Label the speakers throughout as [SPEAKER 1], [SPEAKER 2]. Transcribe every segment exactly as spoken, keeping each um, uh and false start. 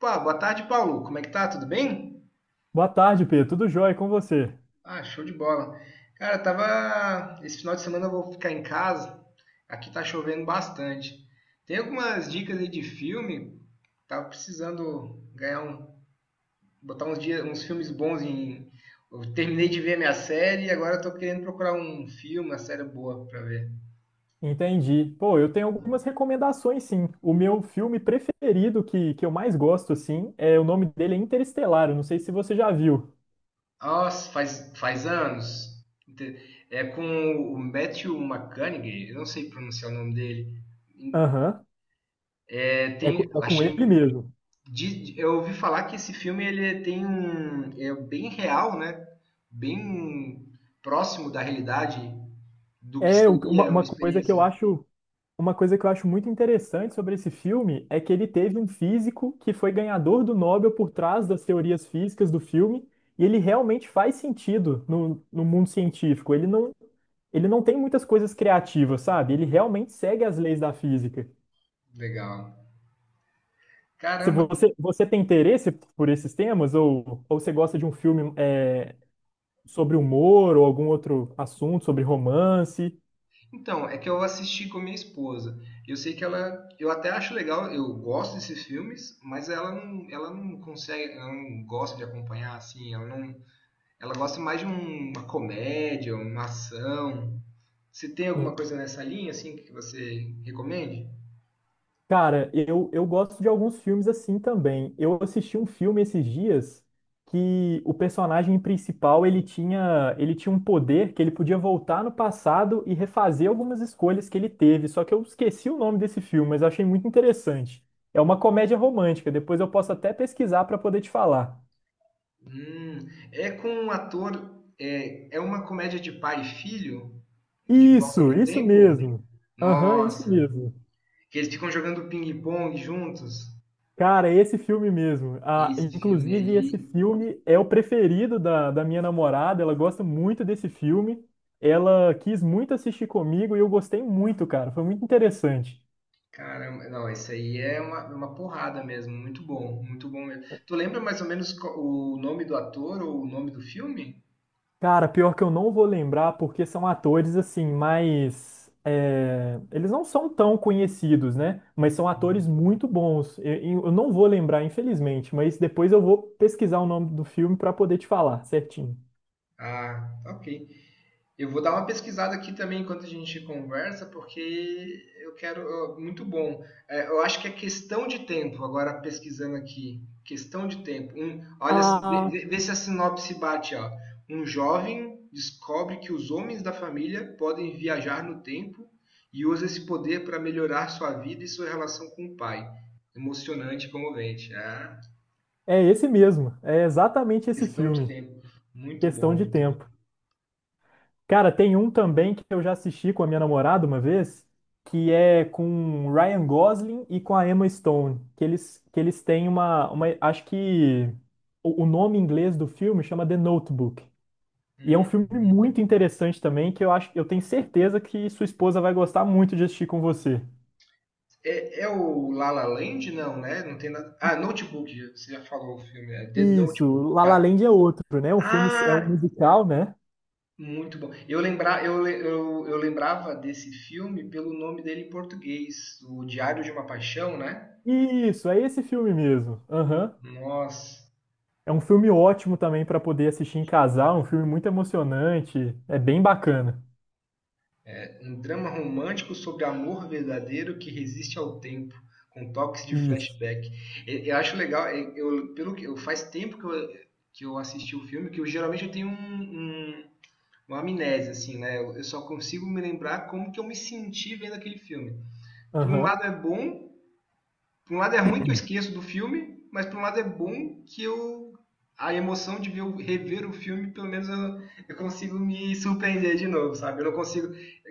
[SPEAKER 1] Pô, boa tarde, Paulo. Como é que tá? Tudo bem?
[SPEAKER 2] Boa tarde, Pedro. Tudo jóia com você?
[SPEAKER 1] Ah, show de bola. Cara, tava. Esse final de semana eu vou ficar em casa. Aqui tá chovendo bastante. Tem algumas dicas aí de filme. Tava precisando ganhar um, botar uns dias, uns filmes bons em. Eu terminei de ver minha série e agora eu tô querendo procurar um filme, uma série boa pra ver.
[SPEAKER 2] Entendi. Pô, eu tenho algumas recomendações, sim. O meu filme preferido, que, que eu mais gosto, assim, é o nome dele é Interestelar. Eu não sei se você já viu.
[SPEAKER 1] Nossa, faz, faz anos. Inte- É com o Matthew McConaughey, eu não sei pronunciar o nome dele.
[SPEAKER 2] Aham.
[SPEAKER 1] É,
[SPEAKER 2] É,
[SPEAKER 1] tem,
[SPEAKER 2] co- é com ele
[SPEAKER 1] achei.
[SPEAKER 2] mesmo.
[SPEAKER 1] De- eu ouvi falar que esse filme ele tem um é bem real, né? Bem próximo da realidade do que
[SPEAKER 2] É o- uma,
[SPEAKER 1] seria uma
[SPEAKER 2] uma coisa que eu
[SPEAKER 1] experiência
[SPEAKER 2] acho Uma coisa que eu acho muito interessante sobre esse filme é que ele teve um físico que foi ganhador do Nobel por trás das teorias físicas do filme, e ele realmente faz sentido no, no mundo científico. Ele não, ele não tem muitas coisas criativas, sabe? Ele realmente segue as leis da física.
[SPEAKER 1] legal.
[SPEAKER 2] Se
[SPEAKER 1] Caramba.
[SPEAKER 2] você, você tem interesse por esses temas, ou, ou você gosta de um filme é, sobre humor, ou algum outro assunto, sobre romance.
[SPEAKER 1] Então, é que eu assisti com minha esposa. Eu sei que ela, eu até acho legal, eu gosto desses filmes, mas ela não, ela não consegue, ela não gosta de acompanhar assim, ela não, ela gosta mais de um- uma comédia, uma ação. Você tem alguma coisa nessa linha assim que você recomende?
[SPEAKER 2] Cara, eu, eu gosto de alguns filmes assim também. Eu assisti um filme esses dias que o personagem principal, ele tinha, ele tinha um poder que ele podia voltar no passado e refazer algumas escolhas que ele teve. Só que eu esqueci o nome desse filme, mas eu achei muito interessante. É uma comédia romântica, depois eu posso até pesquisar para poder te falar.
[SPEAKER 1] Hum, é com um ator. É, é uma comédia de pai e filho? De volta
[SPEAKER 2] Isso,
[SPEAKER 1] no
[SPEAKER 2] isso
[SPEAKER 1] tempo?
[SPEAKER 2] mesmo. Aham, isso
[SPEAKER 1] Nossa!
[SPEAKER 2] mesmo.
[SPEAKER 1] Que eles ficam jogando ping-pong juntos.
[SPEAKER 2] Cara, esse filme mesmo. Ah,
[SPEAKER 1] Esse filme
[SPEAKER 2] inclusive, esse
[SPEAKER 1] aí.
[SPEAKER 2] filme é o preferido da, da minha namorada. Ela gosta muito desse filme. Ela quis muito assistir comigo e eu gostei muito, cara. Foi muito interessante.
[SPEAKER 1] Caramba, não, esse aí é uma, uma porrada mesmo. Muito bom, muito bom mesmo. Tu lembra mais ou menos co- o nome do ator ou o nome do filme?
[SPEAKER 2] Cara, pior que eu não vou lembrar porque são atores assim, mas é, eles não são tão conhecidos, né? Mas são atores muito bons. Eu, eu não vou lembrar, infelizmente, mas depois eu vou pesquisar o nome do filme para poder te falar certinho.
[SPEAKER 1] Ah, ok. Eu vou dar uma pesquisada aqui também enquanto a gente conversa, porque eu quero. Muito bom. É, eu acho que é questão de tempo, agora pesquisando aqui. Questão de tempo. Um, olha, se- vê,
[SPEAKER 2] Ah,
[SPEAKER 1] vê- vê se a sinopse bate, ó. Um jovem descobre que os homens da família podem viajar no tempo e usa esse poder para melhorar sua vida e sua relação com o pai. Emocionante e comovente. Ah,
[SPEAKER 2] é esse mesmo. É exatamente esse
[SPEAKER 1] questão de
[SPEAKER 2] filme.
[SPEAKER 1] tempo. Muito
[SPEAKER 2] Questão
[SPEAKER 1] bom.
[SPEAKER 2] de tempo. Cara, tem um também que eu já assisti com a minha namorada uma vez, que é com o Ryan Gosling e com a Emma Stone, que eles, que eles têm uma, uma, acho que o, o nome em inglês do filme chama The Notebook. E é um
[SPEAKER 1] Hum.
[SPEAKER 2] filme muito interessante também, que eu acho, eu tenho certeza que sua esposa vai gostar muito de assistir com você.
[SPEAKER 1] É, é o La La Land? Não, né? Não tem nada. Ah, Notebook, você já falou o filme, é The Notebook.
[SPEAKER 2] Isso, La La
[SPEAKER 1] Já.
[SPEAKER 2] Land é outro, né? Um filme, é um
[SPEAKER 1] Ah,
[SPEAKER 2] musical, né?
[SPEAKER 1] muito bom. Eu, lembra, eu, le- eu, eu lembrava desse filme pelo nome dele em português, O Diário de uma Paixão, né?
[SPEAKER 2] Isso, é esse filme mesmo. Aham.
[SPEAKER 1] Nossa,
[SPEAKER 2] É um filme ótimo também para poder assistir em casal, é um filme muito emocionante, é bem bacana.
[SPEAKER 1] um drama romântico sobre amor verdadeiro que resiste ao tempo, com toques de
[SPEAKER 2] Isso.
[SPEAKER 1] flashback. E- Eu acho legal, e- eu, pelo que, eu, faz tempo que eu, que eu assisti o filme, que eu geralmente eu tenho um, um uma amnésia, assim, né? Eu só consigo me lembrar como que eu me senti vendo aquele filme. Por um
[SPEAKER 2] Aham,
[SPEAKER 1] lado é bom, por um lado é ruim que eu esqueço do filme, mas por um lado é bom que eu a emoção de ver, rever o filme, pelo menos eu, eu consigo me surpreender de novo, sabe? Eu não consigo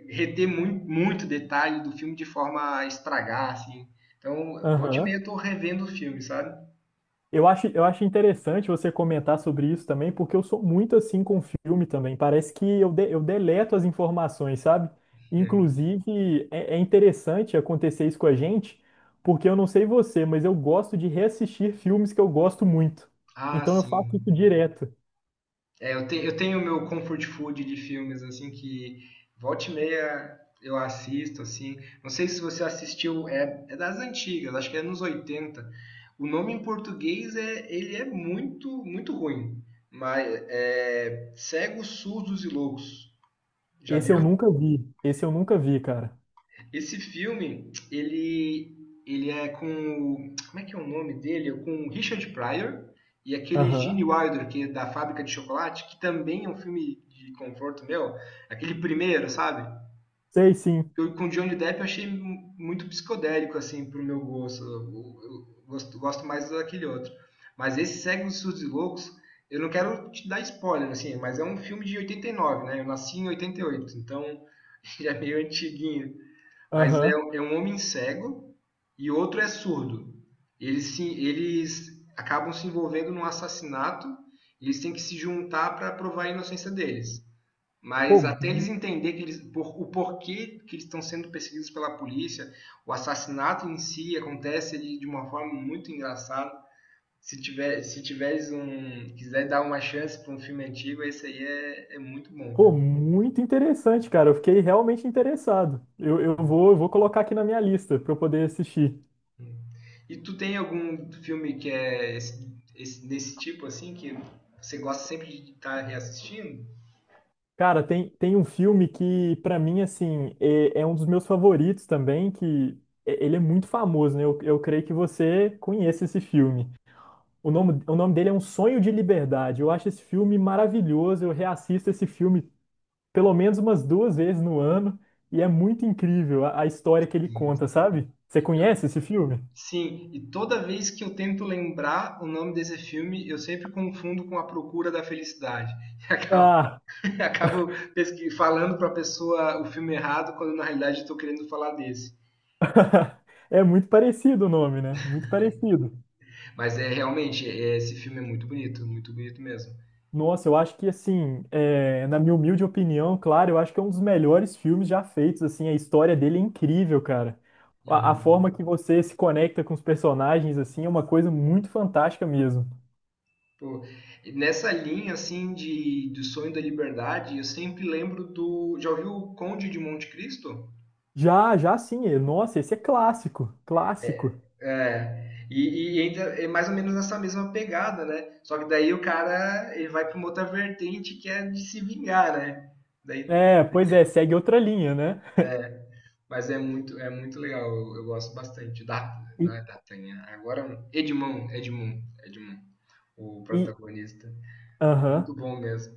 [SPEAKER 1] reter muito, muito detalhe do filme de forma a estragar, assim. Então, volta e meia
[SPEAKER 2] aham.
[SPEAKER 1] eu tô revendo o filme, sabe?
[SPEAKER 2] Eu acho, eu acho interessante você comentar sobre isso também, porque eu sou muito assim com filme também. Parece que eu, de- eu deleto as informações, sabe?
[SPEAKER 1] É.
[SPEAKER 2] Inclusive, é, é interessante acontecer isso com a gente, porque eu não sei você, mas eu gosto de reassistir filmes que eu gosto muito.
[SPEAKER 1] Ah,
[SPEAKER 2] Então eu faço
[SPEAKER 1] sim.
[SPEAKER 2] isso direto.
[SPEAKER 1] É, eu, te, eu tenho o meu comfort food de filmes, assim, que volta e meia eu assisto, assim. Não sei se você assistiu, é, é das antigas, acho que é nos oitenta. O nome em português é, ele é muito, muito ruim. Mas é Cegos, Surdos e Loucos. Já
[SPEAKER 2] Esse eu
[SPEAKER 1] viu?
[SPEAKER 2] nunca vi, esse eu nunca vi, cara.
[SPEAKER 1] Esse filme, ele, ele é com. o- Como é que é o nome dele? É com o Richard Pryor e aquele
[SPEAKER 2] Aham.
[SPEAKER 1] Gene Wilder, que é da Fábrica de Chocolate, que também é um filme de conforto meu. Aquele primeiro, sabe?
[SPEAKER 2] Sei sim.
[SPEAKER 1] Eu, com o Johnny Depp eu achei mu- muito psicodélico, assim, pro meu gosto. Eu, eu gosto, gosto mais daquele outro. Mas esse Segue os Surdos e Loucos, eu não quero te dar spoiler, assim, mas é um filme de oitenta e nove, né? Eu nasci em oitenta e oito, então já é meio antiguinho. Mas é,
[SPEAKER 2] Aham.
[SPEAKER 1] é um homem cego e outro é surdo. Eles, se, eles acabam se envolvendo num assassinato, eles têm que se juntar para provar a inocência deles.
[SPEAKER 2] Pô,
[SPEAKER 1] Mas até eles
[SPEAKER 2] mu-
[SPEAKER 1] entenderem que eles, por, o porquê que eles estão sendo perseguidos pela polícia, o assassinato em si acontece de, de uma forma muito engraçada. Se tiver, se tiveres um, quiser dar uma chance para um filme antigo, esse aí é, é muito bom.
[SPEAKER 2] pô, muito interessante, cara. Eu fiquei realmente interessado. Eu, eu vou, eu vou colocar aqui na minha lista para eu poder assistir.
[SPEAKER 1] E tu tem algum filme que é esse, esse- desse tipo, assim, que você gosta sempre de estar reassistindo?
[SPEAKER 2] Cara, tem, tem um filme que, pra mim, assim, é, é um dos meus favoritos também, que é- ele é muito famoso, né? Eu, eu creio que você conhece esse filme. O nome, o nome dele é Um Sonho de Liberdade. Eu acho esse filme maravilhoso. Eu reassisto esse filme pelo menos umas duas vezes no ano e é muito incrível a a história que ele
[SPEAKER 1] Sim.
[SPEAKER 2] conta, sabe? Você conhece esse filme?
[SPEAKER 1] Sim, e toda vez que eu tento lembrar o nome desse filme, eu sempre confundo com A Procura da Felicidade. E acabo,
[SPEAKER 2] Ah,
[SPEAKER 1] acabo pesqui- falando para a pessoa o filme errado, quando na realidade estou querendo falar desse.
[SPEAKER 2] é muito parecido o nome, né? Muito parecido.
[SPEAKER 1] Mas é realmente, é, esse filme é muito bonito, muito bonito mesmo.
[SPEAKER 2] Nossa, eu acho que, assim, é, na minha humilde opinião, claro, eu acho que é um dos melhores filmes já feitos, assim, a história dele é incrível, cara. A, a forma
[SPEAKER 1] Uhum.
[SPEAKER 2] que você se conecta com os personagens, assim, é uma coisa muito fantástica mesmo.
[SPEAKER 1] Pô, nessa linha assim de do sonho da liberdade, eu sempre lembro do, já ouviu o Conde de Monte Cristo?
[SPEAKER 2] Já, já sim, é- nossa, esse é clássico, clássico.
[SPEAKER 1] É, e, e ainda é mais ou menos nessa mesma pegada, né? Só que daí o cara ele vai para uma outra vertente que é de se vingar, né? Daí,
[SPEAKER 2] É, pois é, segue outra linha, né?
[SPEAKER 1] mas é muito é muito legal, eu, eu gosto bastante da,
[SPEAKER 2] E,
[SPEAKER 1] não é D'Artagnan, agora é um Edmond, Edmond, Edmond, o
[SPEAKER 2] e,
[SPEAKER 1] protagonista,
[SPEAKER 2] aham.
[SPEAKER 1] muito bom mesmo.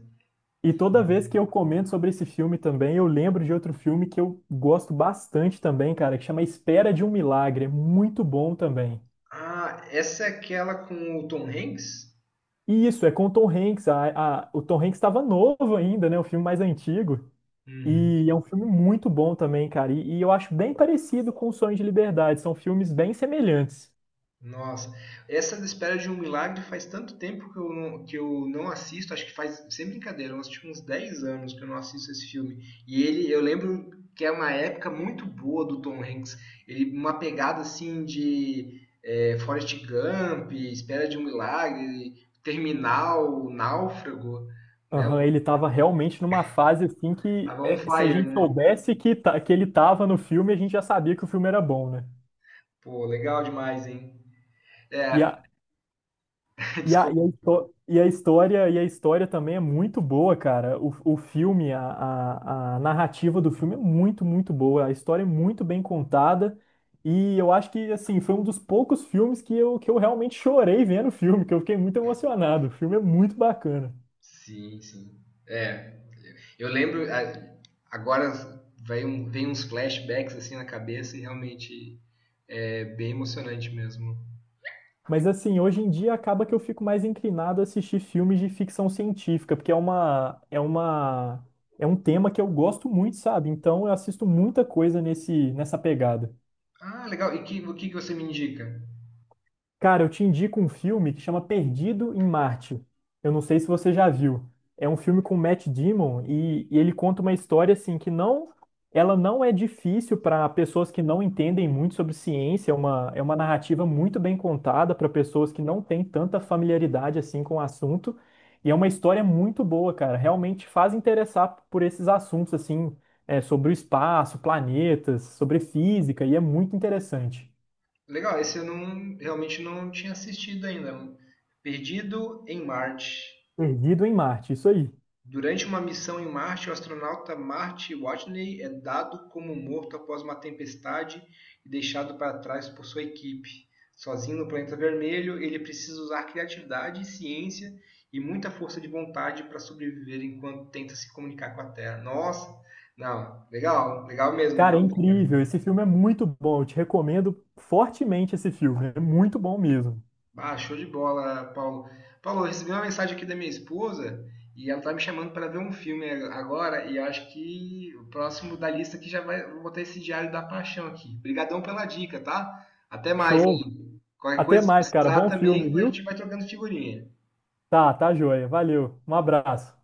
[SPEAKER 2] E toda vez que eu comento sobre esse filme também, eu lembro de outro filme que eu gosto bastante também, cara, que chama Espera de um Milagre. É muito bom também.
[SPEAKER 1] Ah, essa é aquela com o Tom Hanks?
[SPEAKER 2] E isso, é com o Tom Hanks. A, a- o Tom Hanks estava novo ainda, né? O filme mais antigo.
[SPEAKER 1] Uhum.
[SPEAKER 2] E é um filme muito bom também, cara. E, e eu acho bem parecido com O Sonho de Liberdade. São filmes bem semelhantes.
[SPEAKER 1] Nossa, essa da Espera de um Milagre faz tanto tempo que eu não, que eu não assisto, acho que faz, sem brincadeira, eu acho uns dez anos que eu não assisto esse filme. E ele, eu lembro que é uma época muito boa do Tom Hanks, ele uma pegada assim de é, Forrest Gump, Espera de um Milagre, Terminal, Náufrago, né?
[SPEAKER 2] Aham,
[SPEAKER 1] Um-
[SPEAKER 2] ele estava realmente numa fase assim que
[SPEAKER 1] Tava on
[SPEAKER 2] eh, se a
[SPEAKER 1] fire,
[SPEAKER 2] gente
[SPEAKER 1] né?
[SPEAKER 2] soubesse que, ta- que ele estava no filme, a gente já sabia que o filme era bom, né?
[SPEAKER 1] Pô, legal demais, hein?
[SPEAKER 2] E
[SPEAKER 1] É,
[SPEAKER 2] a, E a, e
[SPEAKER 1] desculpa.
[SPEAKER 2] a, histó- e a história e a história também é muito boa, cara. O, o filme, a, a, a narrativa do filme é muito, muito boa. A história é muito bem contada. E eu acho que, assim, foi um dos poucos filmes que eu, que eu realmente chorei vendo o filme, que eu fiquei muito emocionado. O filme é muito bacana.
[SPEAKER 1] Sim, sim. É, eu lembro, é, agora vem, um- vem uns flashbacks assim na cabeça e realmente é bem emocionante mesmo.
[SPEAKER 2] Mas, assim, hoje em dia acaba que eu fico mais inclinado a assistir filmes de ficção científica, porque é uma, é uma, é um tema que eu gosto muito, sabe? Então eu assisto muita coisa nesse, nessa pegada.
[SPEAKER 1] Ah, legal. E que, o que que você me indica?
[SPEAKER 2] Cara, eu te indico um filme que chama Perdido em Marte. Eu não sei se você já viu. É um filme com Matt Damon e, e ele conta uma história assim que não, ela não é difícil para pessoas que não entendem muito sobre ciência. É uma, é uma narrativa muito bem contada para pessoas que não têm tanta familiaridade assim com o assunto. E é uma história muito boa, cara. Realmente faz interessar por esses assuntos assim, é, sobre o espaço, planetas, sobre física e é muito interessante.
[SPEAKER 1] Legal, esse eu não, realmente não tinha assistido ainda. Perdido em Marte.
[SPEAKER 2] Perdido em Marte, isso aí.
[SPEAKER 1] Durante uma missão em Marte, o astronauta Marty Watney é dado como morto após uma tempestade e deixado para trás por sua equipe. Sozinho no planeta vermelho, ele precisa usar criatividade, ciência e muita força de vontade para sobreviver enquanto tenta se comunicar com a Terra. Nossa, não, legal, legal mesmo,
[SPEAKER 2] Cara, é
[SPEAKER 1] boa dica.
[SPEAKER 2] incrível. Esse filme é muito bom. Eu te recomendo fortemente esse filme. É muito bom mesmo.
[SPEAKER 1] Ah, show de bola, Paulo. Paulo, eu recebi uma mensagem aqui da minha esposa e ela tá me chamando para ver um filme agora e eu acho que o próximo da lista aqui já vai, vou botar esse Diário da Paixão aqui. Obrigadão pela dica, tá? Até mais
[SPEAKER 2] Show.
[SPEAKER 1] aí. Qualquer
[SPEAKER 2] Até
[SPEAKER 1] coisa que
[SPEAKER 2] mais, cara.
[SPEAKER 1] precisar
[SPEAKER 2] Bom filme,
[SPEAKER 1] também, a
[SPEAKER 2] viu?
[SPEAKER 1] gente vai trocando figurinha.
[SPEAKER 2] Tá, tá joia. Valeu. Um abraço.